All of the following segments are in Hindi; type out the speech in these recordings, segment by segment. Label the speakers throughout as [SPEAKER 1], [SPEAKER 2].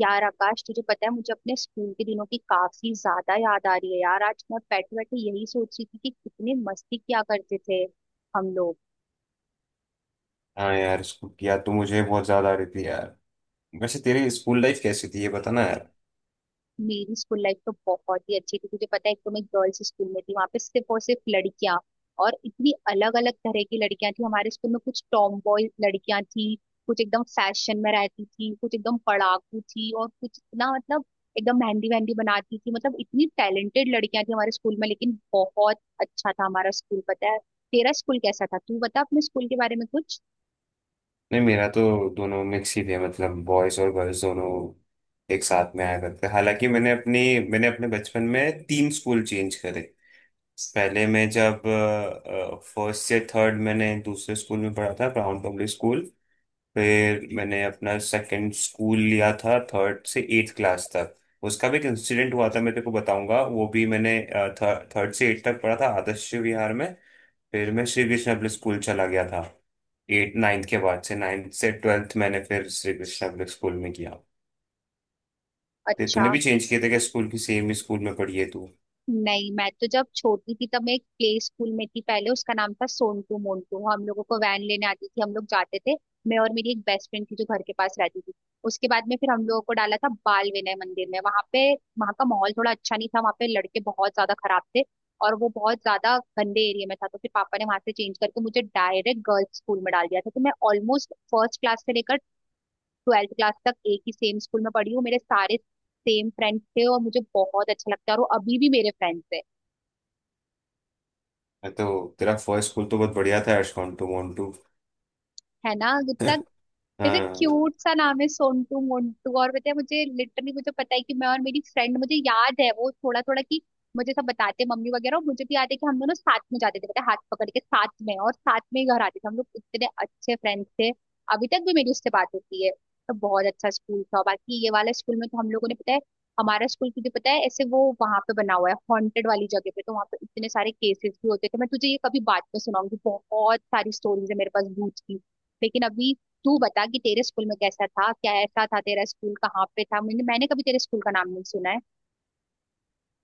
[SPEAKER 1] यार आकाश, तुझे पता है मुझे अपने स्कूल के दिनों की काफी ज्यादा याद आ रही है। यार आज मैं बैठे बैठे यही सोच रही थी कि कितनी मस्ती किया करते थे हम लोग।
[SPEAKER 2] हाँ यार, स्कूल की याद तो मुझे बहुत ज्यादा आ रही थी यार। वैसे तेरी स्कूल लाइफ कैसी थी ये बताना यार।
[SPEAKER 1] मेरी स्कूल लाइफ तो बहुत ही अच्छी थी। तुझे पता है, एक तो मैं गर्ल्स स्कूल में थी, वहां पे सिर्फ और सिर्फ लड़कियां। और इतनी अलग अलग तरह की लड़कियां थी हमारे स्कूल में। कुछ टॉम बॉय लड़कियां थी, कुछ एकदम फैशन में रहती थी, कुछ एकदम पढ़ाकू थी, और कुछ इतना मतलब एकदम मेहंदी वहंदी बनाती थी। मतलब इतनी टैलेंटेड लड़कियां थी हमारे स्कूल में, लेकिन बहुत अच्छा था हमारा स्कूल। पता है, तेरा स्कूल कैसा था? तू बता अपने स्कूल के बारे में कुछ।
[SPEAKER 2] नहीं, मेरा तो दोनों मिक्स ही थे, मतलब बॉयज और गर्ल्स दोनों एक साथ में आया करते। हालांकि मैंने अपने बचपन में तीन स्कूल चेंज करे। पहले मैं जब फर्स्ट से थर्ड, मैंने दूसरे स्कूल में पढ़ा था, ब्राउन पब्लिक स्कूल। फिर मैंने अपना सेकंड स्कूल लिया था, थर्ड से एट्थ क्लास तक। उसका भी एक इंसिडेंट हुआ था, मैं तेरे को बताऊंगा वो भी। मैंने थर्ड से एट्थ तक पढ़ा था आदर्श विहार में। फिर मैं श्री कृष्ण पब्लिक स्कूल चला गया था। एट नाइन्थ के बाद से नाइन्थ से ट्वेल्थ मैंने फिर श्री कृष्ण पब्लिक स्कूल में किया। ते तूने
[SPEAKER 1] अच्छा,
[SPEAKER 2] भी चेंज किए थे क्या स्कूल, की सेम ही स्कूल में पढ़ी है तू?
[SPEAKER 1] नहीं, मैं तो जब छोटी थी तब मैं एक प्ले स्कूल में थी पहले, उसका नाम था सोनटू मोन्टू। हम लोगों को वैन लेने आती थी, हम लोग जाते थे मैं और मेरी एक बेस्ट फ्रेंड थी जो घर के पास रहती थी। उसके बाद में फिर हम लोगों को डाला था बाल विनय मंदिर में। वहां पे, वहां का माहौल थोड़ा अच्छा नहीं था, वहां पे लड़के बहुत ज्यादा खराब थे और वो बहुत ज्यादा गंदे एरिया में था। तो फिर पापा ने वहां से चेंज करके मुझे डायरेक्ट गर्ल्स स्कूल में डाल दिया था। तो मैं ऑलमोस्ट फर्स्ट क्लास से लेकर 12वीं क्लास तक एक ही सेम स्कूल में पढ़ी हूँ। मेरे सारे सेम फ्रेंड्स थे, और मुझे बहुत अच्छा लगता है, और वो अभी भी मेरे फ्रेंड्स है।
[SPEAKER 2] मैं तो, तेरा फर्स्ट स्कूल तो बहुत बढ़िया था, एश कॉन्टू मोन्टू।
[SPEAKER 1] है ना? कितना ऐसे
[SPEAKER 2] हाँ।
[SPEAKER 1] क्यूट सा नाम है, सोनटू मोंटू। और बताया मुझे, लिटरली मुझे पता है कि मैं और मेरी फ्रेंड, मुझे याद है वो थोड़ा थोड़ा कि मुझे सब बताते मम्मी वगैरह, और मुझे भी याद है कि हम दोनों साथ में जाते थे, पता है, हाथ पकड़ के साथ में, और साथ में ही घर आते थे। हम लोग इतने अच्छे फ्रेंड्स थे, अभी तक भी मेरी उससे बात होती है। तो बहुत अच्छा स्कूल था। बाकी ये वाला स्कूल में तो हम लोगों ने पता है, हमारा स्कूल, तुझे पता है ऐसे वो वहां पे बना हुआ है हॉन्टेड वाली जगह पे, तो वहां पे इतने सारे केसेस भी होते थे। मैं तुझे ये कभी बात में सुनाऊंगी, बहुत सारी स्टोरीज है मेरे पास भूत की। लेकिन अभी तू बता कि तेरे स्कूल में कैसा था, क्या ऐसा था, तेरा स्कूल कहाँ पे था? मैंने मैंने कभी तेरे स्कूल का नाम नहीं सुना है।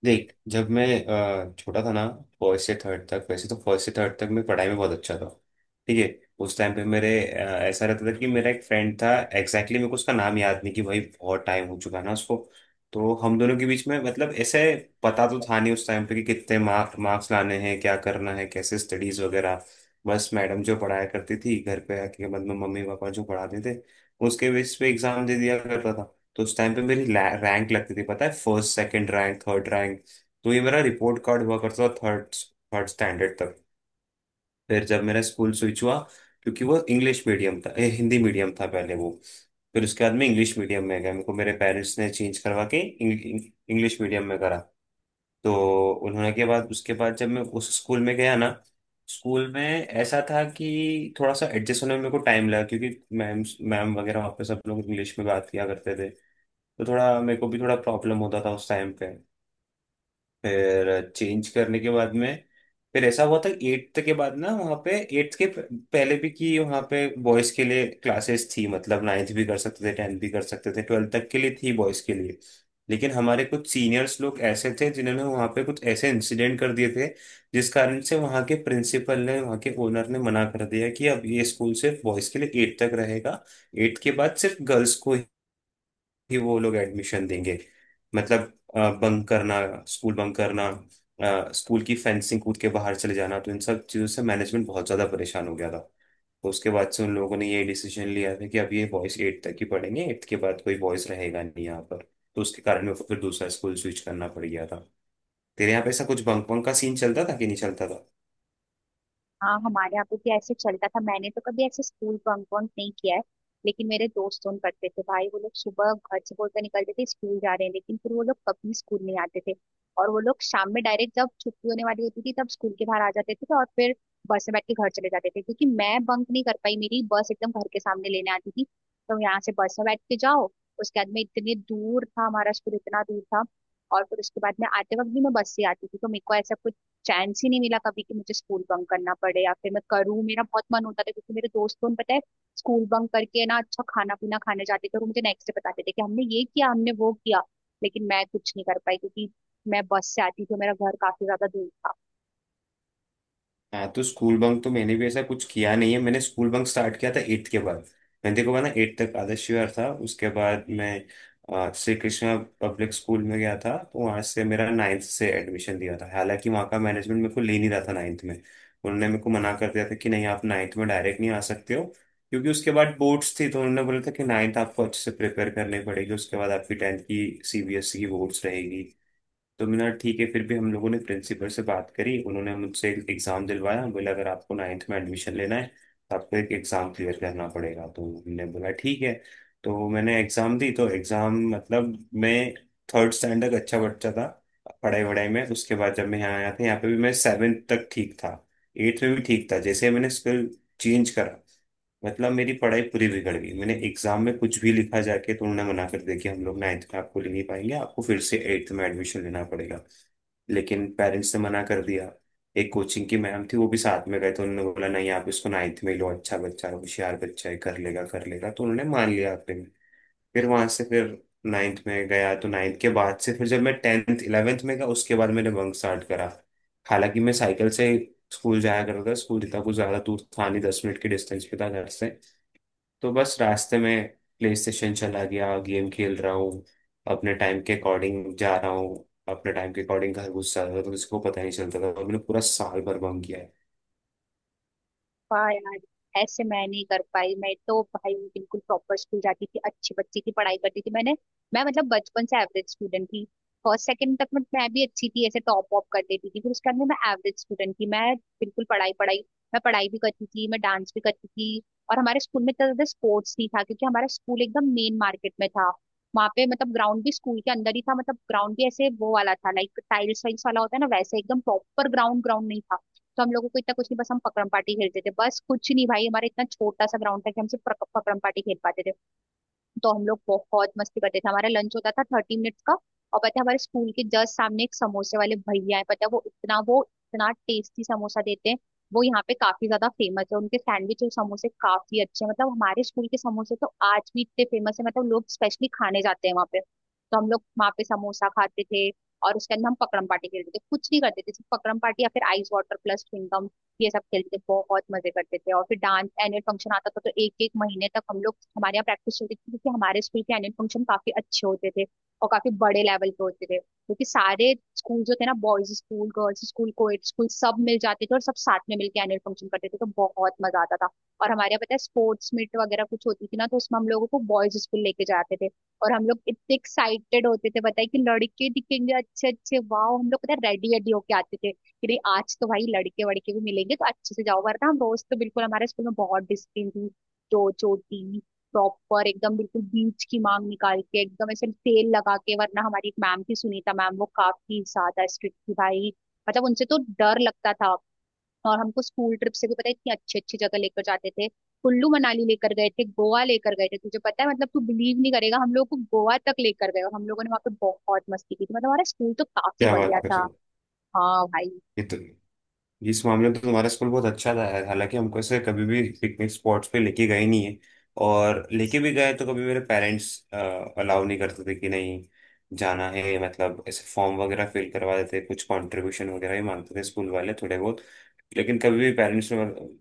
[SPEAKER 2] देख, जब मैं छोटा था ना, फर्स्ट से थर्ड तक, वैसे तो फर्स्ट से थर्ड तक मैं पढ़ाई में बहुत अच्छा था। ठीक है। उस टाइम पे मेरे ऐसा रहता था कि मेरा एक फ्रेंड था एग्जैक्टली exactly, मेरे को उसका नाम याद नहीं कि भाई, बहुत टाइम हो चुका है ना उसको। तो हम दोनों के बीच में, मतलब ऐसे, पता तो था नहीं उस टाइम पे कि कितने मार्क्स लाने हैं, क्या करना है, कैसे स्टडीज वगैरह। बस मैडम जो पढ़ाया करती थी घर पे आके, मतलब मम्मी पापा जो पढ़ाते थे, उसके बेस पे एग्जाम दे दिया करता था। तो उस टाइम पे मेरी रैंक लगती थी पता है, first second rank third rank. तो ये मेरा रिपोर्ट कार्ड हुआ करता था, थर्ड थर्ड स्टैंडर्ड तक। फिर जब मेरा स्कूल स्विच हुआ, क्योंकि वो इंग्लिश मीडियम था, हिंदी मीडियम था पहले वो। फिर उसके बाद मैं इंग्लिश मीडियम में गया, मेरे को मेरे पेरेंट्स ने चेंज करवा के इंग्लिश मीडियम में करा। तो उन्होंने के बाद उसके बाद जब मैं उस स्कूल में गया ना, स्कूल में ऐसा था कि थोड़ा सा एडजस्ट होने में मेरे को टाइम लगा, क्योंकि मैम मैम वगैरह वहाँ पे सब लोग इंग्लिश में बात किया करते थे। तो थोड़ा मेरे को भी थोड़ा प्रॉब्लम होता था उस टाइम पे। फिर चेंज करने के बाद में, फिर ऐसा हुआ था एट्थ के बाद ना वहाँ पे, एट्थ के प- पहले भी कि वहाँ पे बॉयज़ के लिए क्लासेस थी, मतलब नाइन्थ भी कर सकते थे, टेंथ भी कर सकते थे, ट्वेल्थ तक के लिए थी बॉयज़ के लिए। लेकिन हमारे कुछ सीनियर्स लोग ऐसे थे जिन्होंने वहाँ पे कुछ ऐसे इंसिडेंट कर दिए थे, जिस कारण से वहाँ के प्रिंसिपल ने, वहाँ के ओनर ने मना कर दिया कि अब ये स्कूल सिर्फ बॉयज़ के लिए एट्थ तक रहेगा, एट्थ के बाद सिर्फ गर्ल्स को ही वो लोग एडमिशन देंगे। मतलब बंक करना, स्कूल बंक करना, स्कूल की फेंसिंग कूद के बाहर चले जाना, तो इन सब चीज़ों से मैनेजमेंट बहुत ज़्यादा परेशान हो गया था। तो उसके बाद से उन लोगों ने ये डिसीजन लिया था कि अब ये बॉयज़ एट तक ही पढ़ेंगे, एट्थ के बाद कोई बॉयज़ रहेगा नहीं यहाँ पर। तो उसके कारण मेरे को फिर दूसरा स्कूल स्विच करना पड़ गया था। तेरे यहाँ पे ऐसा कुछ बंक बंक का सीन चलता था कि नहीं चलता?
[SPEAKER 1] हाँ, हमारे यहाँ पे भी ऐसे चलता था। मैंने तो कभी ऐसे स्कूल बंक वंक नहीं किया है, लेकिन मेरे दोस्त उन करते थे भाई। वो लोग सुबह घर से बोलकर निकलते थे स्कूल जा रहे हैं, लेकिन फिर वो लोग कभी स्कूल नहीं आते थे, और वो लोग शाम में डायरेक्ट जब छुट्टी होने वाली होती थी तब स्कूल के बाहर आ जाते थे, और फिर बस में बैठ के घर चले जाते थे। क्योंकि मैं बंक नहीं कर पाई, मेरी बस एकदम घर के सामने लेने आती थी। तो यहाँ से बस में बैठ के जाओ, उसके बाद में इतने दूर था हमारा स्कूल, इतना दूर था। और फिर उसके बाद में आते वक्त भी मैं बस से आती थी, तो मेरे को ऐसा चांस ही नहीं मिला कभी कि मुझे स्कूल बंक करना पड़े या फिर मैं करूँ। मेरा बहुत मन होता था क्योंकि मेरे दोस्तों ने, पता है, स्कूल बंक करके ना अच्छा खाना पीना खाने जाते थे और मुझे नेक्स्ट डे बताते थे कि हमने ये किया हमने वो किया। लेकिन मैं कुछ नहीं कर पाई क्योंकि मैं बस से आती थी और मेरा घर काफी ज्यादा दूर था।
[SPEAKER 2] हाँ तो, स्कूल बंक तो मैंने भी ऐसा कुछ किया नहीं है, मैंने स्कूल बंक स्टार्ट किया था एट्थ के बाद। मैंने, देखो ना, एट्थ तक आदर्श विहार था, उसके बाद मैं श्री कृष्णा पब्लिक स्कूल में गया था, तो वहाँ से मेरा नाइन्थ से एडमिशन दिया था, हालांकि वहाँ का मैनेजमेंट मेरे को ले नहीं रहा था नाइन्थ में। उन्होंने मेरे को मना कर दिया था कि नहीं, आप नाइन्थ में डायरेक्ट नहीं आ सकते हो, क्योंकि उसके बाद बोर्ड्स थी, तो उन्होंने बोला था कि नाइन्थ आपको अच्छे से प्रिपेयर करनी पड़ेगी, उसके बाद आपकी टेंथ की सीबीएसई की बोर्ड्स रहेगी। तो मैंने कहा, ठीक है। फिर भी हम लोगों ने प्रिंसिपल से बात करी, उन्होंने मुझसे एक एग्ज़ाम दिलवाया, बोले अगर आपको नाइन्थ में एडमिशन लेना है तो आपको एक एग्ज़ाम क्लियर करना पड़ेगा, तो हमने बोला ठीक है। तो मैंने एग्ज़ाम दी। तो एग्ज़ाम मतलब, मैं थर्ड स्टैंडर्ड अच्छा बच्चा था पढ़ाई वढ़ाई में, उसके बाद जब मैं यहाँ आया था यहाँ पे भी मैं सेवेंथ तक ठीक था, एट्थ में भी ठीक था, जैसे मैंने स्कूल चेंज करा, मतलब मेरी पढ़ाई पूरी बिगड़ गई। मैंने एग्जाम में कुछ भी लिखा जाके, तो उन्होंने मना कर दिया कि हम लोग नाइन्थ में आपको ले नहीं पाएंगे, आपको फिर से एट्थ में एडमिशन लेना पड़ेगा। लेकिन पेरेंट्स ने मना कर दिया। एक कोचिंग की मैम थी, वो भी साथ में गए, तो उन्होंने बोला नहीं, आप इसको नाइन्थ में ही लो, अच्छा बच्चा है, होशियार बच्चा है, कर लेगा कर लेगा, तो उन्होंने मान लिया आखिर में। फिर वहां से फिर नाइन्थ में गया, तो नाइन्थ के बाद से फिर जब मैं टेंथ इलेवेंथ में गया, उसके बाद मैंने बंक स्टार्ट करा। हालांकि मैं साइकिल से स्कूल जाया करता था, स्कूल इतना कुछ ज्यादा दूर था नहीं, 10 मिनट के डिस्टेंस पे था घर से। तो बस रास्ते में प्ले स्टेशन चला गया, गेम खेल रहा हूँ, अपने टाइम के अकॉर्डिंग जा रहा हूँ, अपने टाइम के अकॉर्डिंग घर घुस जा रहा हूँ, तो किसी को पता नहीं चलता था, और मैंने पूरा साल भर बंक किया है।
[SPEAKER 1] वाह यार, ऐसे मैं नहीं कर पाई। मैं तो भाई बिल्कुल प्रॉपर स्कूल जाती थी, अच्छे बच्चे की पढ़ाई करती थी मैंने। मैं मतलब बचपन से एवरेज स्टूडेंट थी। फर्स्ट सेकंड तक मैं भी अच्छी थी, ऐसे टॉप वॉप कर देती थी, फिर उसके बाद में मैं एवरेज स्टूडेंट थी। मैं बिल्कुल पढ़ाई पढ़ाई, मैं पढ़ाई भी करती थी, मैं डांस भी करती थी। और हमारे स्कूल में इतना ज्यादा स्पोर्ट्स नहीं था क्योंकि हमारा स्कूल एकदम मेन मार्केट में था। वहां पे मतलब ग्राउंड भी स्कूल के अंदर ही था, मतलब ग्राउंड भी ऐसे वो वाला था, लाइक टाइल्स वाइल्स वाला होता है ना, वैसे एकदम प्रॉपर ग्राउंड ग्राउंड नहीं था। तो हम लोगों को इतना कुछ नहीं, बस हम पकड़म पार्टी खेलते थे, बस कुछ नहीं भाई, हमारा इतना छोटा सा ग्राउंड था कि हम सिर्फ पकड़म पार्टी खेल पाते थे। तो हम लोग बहुत मस्ती करते थे। हमारा लंच होता था 30 मिनट्स का, और पता है हमारे स्कूल के जस्ट सामने एक समोसे वाले भैया है, पता है वो इतना टेस्टी समोसा देते हैं, वो यहाँ पे काफी ज्यादा फेमस है, उनके सैंडविच और समोसे काफी अच्छे हैं। मतलब हमारे स्कूल के समोसे तो आज भी इतने फेमस है, मतलब लोग स्पेशली खाने जाते हैं वहाँ पे। तो हम लोग वहाँ पे समोसा खाते थे, और उसके अंदर हम पकड़म पार्टी खेलते थे, कुछ नहीं करते थे, सिर्फ पकड़म पार्टी या फिर आइस वाटर प्लस च्युइंगम। ये सब खेलते थे, बहुत मजे करते थे। और फिर डांस एनुअल फंक्शन आता था, तो एक एक महीने तक हम लोग हमारे यहाँ प्रैक्टिस चलती थी, क्योंकि हमारे स्कूल के एनुअल फंक्शन काफी अच्छे होते थे और काफी बड़े लेवल पे होते थे, क्योंकि सारे स्कूल जो थे ना, boys school, girls school, coed school, सब मिल जाते थे और सब साथ में मिलके एनुअल फंक्शन करते थे, तो बहुत मजा आता था। और हमारे यहाँ पता है स्पोर्ट्स मीट वगैरह कुछ होती थी ना, तो उसमें हम लोगों को बॉयज स्कूल लेके जाते थे, और हम लोग इतने एक्साइटेड होते थे, बताए कि लड़के दिखेंगे अच्छे अच्छे, वाह! हम लोग पता है रेडी रेडी होके आते थे कि नहीं आज तो भाई लड़के वड़के भी मिलेंगे, तो अच्छे से जाओ, वरना हम रोज तो बिल्कुल, हमारे स्कूल में बहुत डिसिप्लिन थी, जो चोटी प्रॉपर एकदम बिल्कुल बीच की मांग निकाल के एकदम ऐसे तेल लगा के, वरना हमारी एक मैम थी सुनीता मैम, वो काफी ज्यादा स्ट्रिक्ट थी भाई, मतलब उनसे तो डर लगता था। और हमको स्कूल ट्रिप से भी पता है इतनी अच्छी अच्छी जगह लेकर जाते थे। कुल्लू मनाली लेकर गए थे, गोवा लेकर गए थे। तुझे पता है, मतलब तू बिलीव नहीं करेगा, हम लोग को गोवा तक लेकर गए, और हम लोगों ने वहां पे बहुत मस्ती की थी, मतलब हमारा स्कूल तो काफी
[SPEAKER 2] क्या बात
[SPEAKER 1] बढ़िया
[SPEAKER 2] कर रहे
[SPEAKER 1] था।
[SPEAKER 2] हो?
[SPEAKER 1] हाँ भाई।
[SPEAKER 2] ये तो, इस मामले में तो तुम्हारा स्कूल बहुत अच्छा था यार। हालांकि हमको ऐसे कभी भी पिकनिक स्पॉट्स पे लेके गए नहीं है, और लेके भी गए तो कभी मेरे पेरेंट्स अलाउ नहीं करते थे कि नहीं जाना है, मतलब ऐसे फॉर्म वगैरह फिल करवा देते, कुछ कंट्रीब्यूशन वगैरह ही मांगते थे स्कूल वाले थोड़े बहुत। लेकिन कभी भी पेरेंट्स ने, मतलब,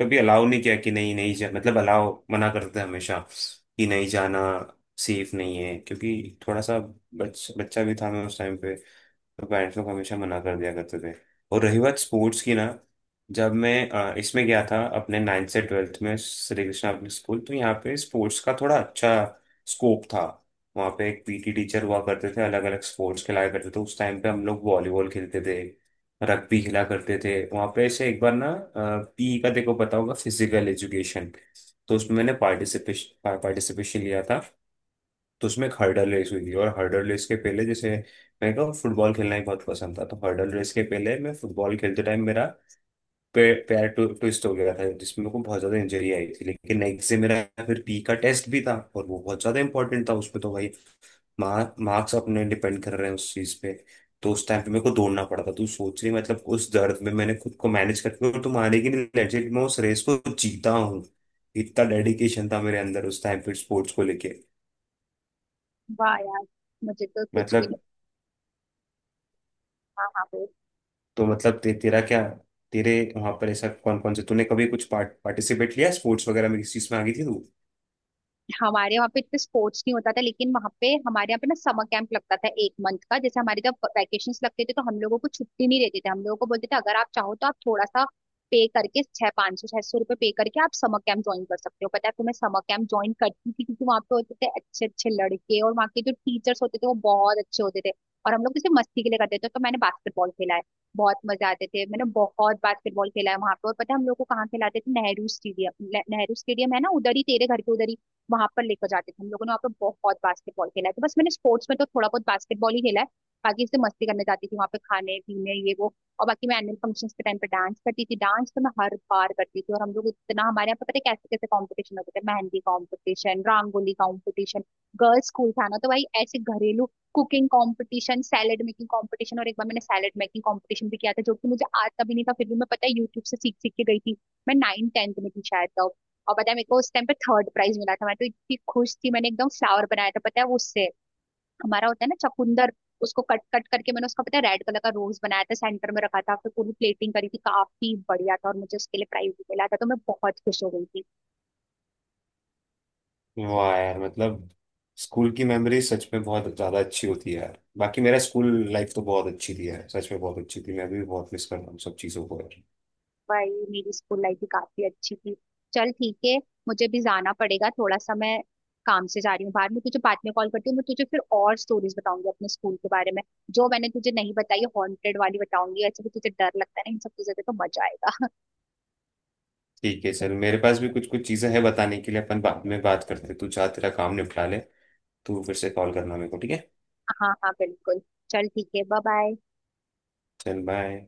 [SPEAKER 2] कभी अलाउ नहीं किया कि नहीं नहीं जा, मतलब अलाउ मना करते थे हमेशा कि नहीं जाना, सेफ नहीं है, क्योंकि थोड़ा सा बच्चा भी था मैं उस टाइम। तो पेरेंट्स लोग हमेशा मना कर दिया करते थे। और रही बात स्पोर्ट्स की ना, जब मैं इसमें गया था अपने नाइन्थ से ट्वेल्थ में श्री कृष्णा पब्लिक स्कूल, तो यहाँ पे स्पोर्ट्स का थोड़ा अच्छा स्कोप था। वहाँ पे एक पीटी टीचर हुआ करते थे, अलग अलग स्पोर्ट्स खिलाया करते थे, उस टाइम पे हम लोग वॉलीबॉल खेलते थे, रग्बी खेला करते थे वहाँ पे। ऐसे एक बार ना, पी का, देखो पता होगा, फिजिकल एजुकेशन, तो उसमें मैंने पार्टिसिपेशन पार्टिसिपेशन लिया था। तो उसमें एक हर्डल रेस हुई थी, और हर्डल रेस के पहले जैसे मेरे को फुटबॉल खेलना ही बहुत पसंद था, तो हर्डल रेस के पहले मैं फुटबॉल खेलते टाइम मेरा पैर पैर ट्विस्ट हो गया था, जिसमें मेरे को बहुत ज्यादा इंजरी आई थी। लेकिन नेक्स्ट डे मेरा फिर पी का टेस्ट भी था, और वो बहुत ज्यादा इंपॉर्टेंट था उसमें, तो भाई मार्क्स अपने डिपेंड कर रहे हैं उस चीज पे। तो उस टाइम पे मेरे को दौड़ना पड़ा था, तू सोच रही, मतलब उस दर्द में मैंने खुद को मैनेज करके, और तुम हारे की नहीं, लेजिट मैं उस रेस को जीता हूँ। इतना डेडिकेशन था मेरे अंदर उस टाइम पे स्पोर्ट्स को लेके।
[SPEAKER 1] वाह यार। मुझे तो कुछ भी नहीं।
[SPEAKER 2] मतलब,
[SPEAKER 1] हाँ हाँ, बोल।
[SPEAKER 2] तो मतलब तेरा क्या, तेरे वहां पर ऐसा कौन कौन से तूने कभी कुछ पार्टिसिपेट लिया स्पोर्ट्स वगैरह में, किस चीज में आ गई थी तू?
[SPEAKER 1] हमारे वहाँ पे इतने स्पोर्ट्स नहीं होता था, लेकिन वहाँ पे हमारे यहाँ पे ना समर कैंप लगता था एक मंथ का। जैसे हमारे जब वैकेशन लगते थे तो हम लोगों को छुट्टी नहीं देते थे। हम लोगों को बोलते थे अगर आप चाहो तो आप थोड़ा सा पे करके छह 500-600 रुपये पे करके आप समर कैंप ज्वाइन कर सकते हो। पता है, तुम्हें समर कैंप ज्वाइन करती थी क्योंकि वहाँ पे होते थे अच्छे अच्छे लड़के, और वहाँ के जो टीचर्स होते थे वो बहुत अच्छे होते थे, और हम लोग जैसे मस्ती के लिए करते थे। तो मैंने बास्केटबॉल खेला है, बहुत मजे आते थे। मैंने बहुत बास्केटबॉल खेला है वहां पे, और पता है हम लोग को कहाँ खिलाते थे? नेहरू स्टेडियम। नेहरू स्टेडियम है ना उधर ही, तेरे घर के उधर ही, वहां पर लेकर जाते थे। हम लोगों ने वहाँ पे बहुत बास्केटबॉल खेला है। तो बस मैंने स्पोर्ट्स में तो थोड़ा बहुत बास्केटबॉल ही खेला है, बाकी इससे मस्ती करने जाती थी वहाँ पे खाने पीने ये वो। और बाकी मैं एनुअल फंक्शंस के टाइम पे डांस करती थी, डांस तो मैं हर बार करती थी। और हम लोग इतना हमारे यहाँ पे पता है कैसे कैसे कॉम्पिटिशन होते थे, mehndi competition, rangoli competition, girls school था ना तो भाई ऐसे घरेलू cooking competition, salad making competition. और एक बार मैंने सैलेड मेकिंग कंपटीशन भी किया था जो कि मुझे आता भी नहीं था, फिर भी मैं पता है यूट्यूब से सीख सीख के गई थी। मैं 9वीं-10वीं में थी शायद तो। और पता है मेरे को उस टाइम पे थर्ड प्राइज मिला था, मैं तो इतनी खुश थी। मैंने एकदम फ्लावर बनाया था, पता है वो उससे हमारा होता है ना चकुंदर, उसको कट कट करके मैंने उसका पता है रेड कलर का रोज बनाया था, सेंटर में रखा था, फिर पूरी प्लेटिंग करी थी, काफी बढ़िया था, और मुझे उसके लिए प्राइज भी मिला था, तो मैं बहुत खुश हो गई थी।
[SPEAKER 2] वाह यार, मतलब स्कूल की मेमोरी सच में बहुत ज्यादा अच्छी होती है यार। बाकी मेरा स्कूल लाइफ तो बहुत अच्छी थी यार, सच में बहुत अच्छी थी, मैं भी बहुत मिस कर रहा हूँ सब चीजों को यार।
[SPEAKER 1] भाई मेरी स्कूल लाइफ भी काफी अच्छी थी। चल ठीक है, मुझे भी जाना पड़ेगा थोड़ा सा, मैं काम से जा रही हूँ बाहर। मैं तुझे बाद में कॉल करती हूँ, मैं तुझे फिर और स्टोरीज बताऊंगी अपने स्कूल के बारे में जो मैंने तुझे नहीं बताई। हॉन्टेड वाली बताऊंगी, ऐसे भी तुझे डर लगता है ना इन सब चीजों से, तो मजा आएगा।
[SPEAKER 2] ठीक है, चल, मेरे पास भी कुछ कुछ चीजें हैं बताने के लिए, अपन बाद में बात करते हैं, तू चाह तेरा काम निपटा ले। तू फिर से कॉल करना मेरे को, ठीक है,
[SPEAKER 1] हाँ हाँ बिल्कुल। चल ठीक है, बाय बाय।
[SPEAKER 2] चल बाय।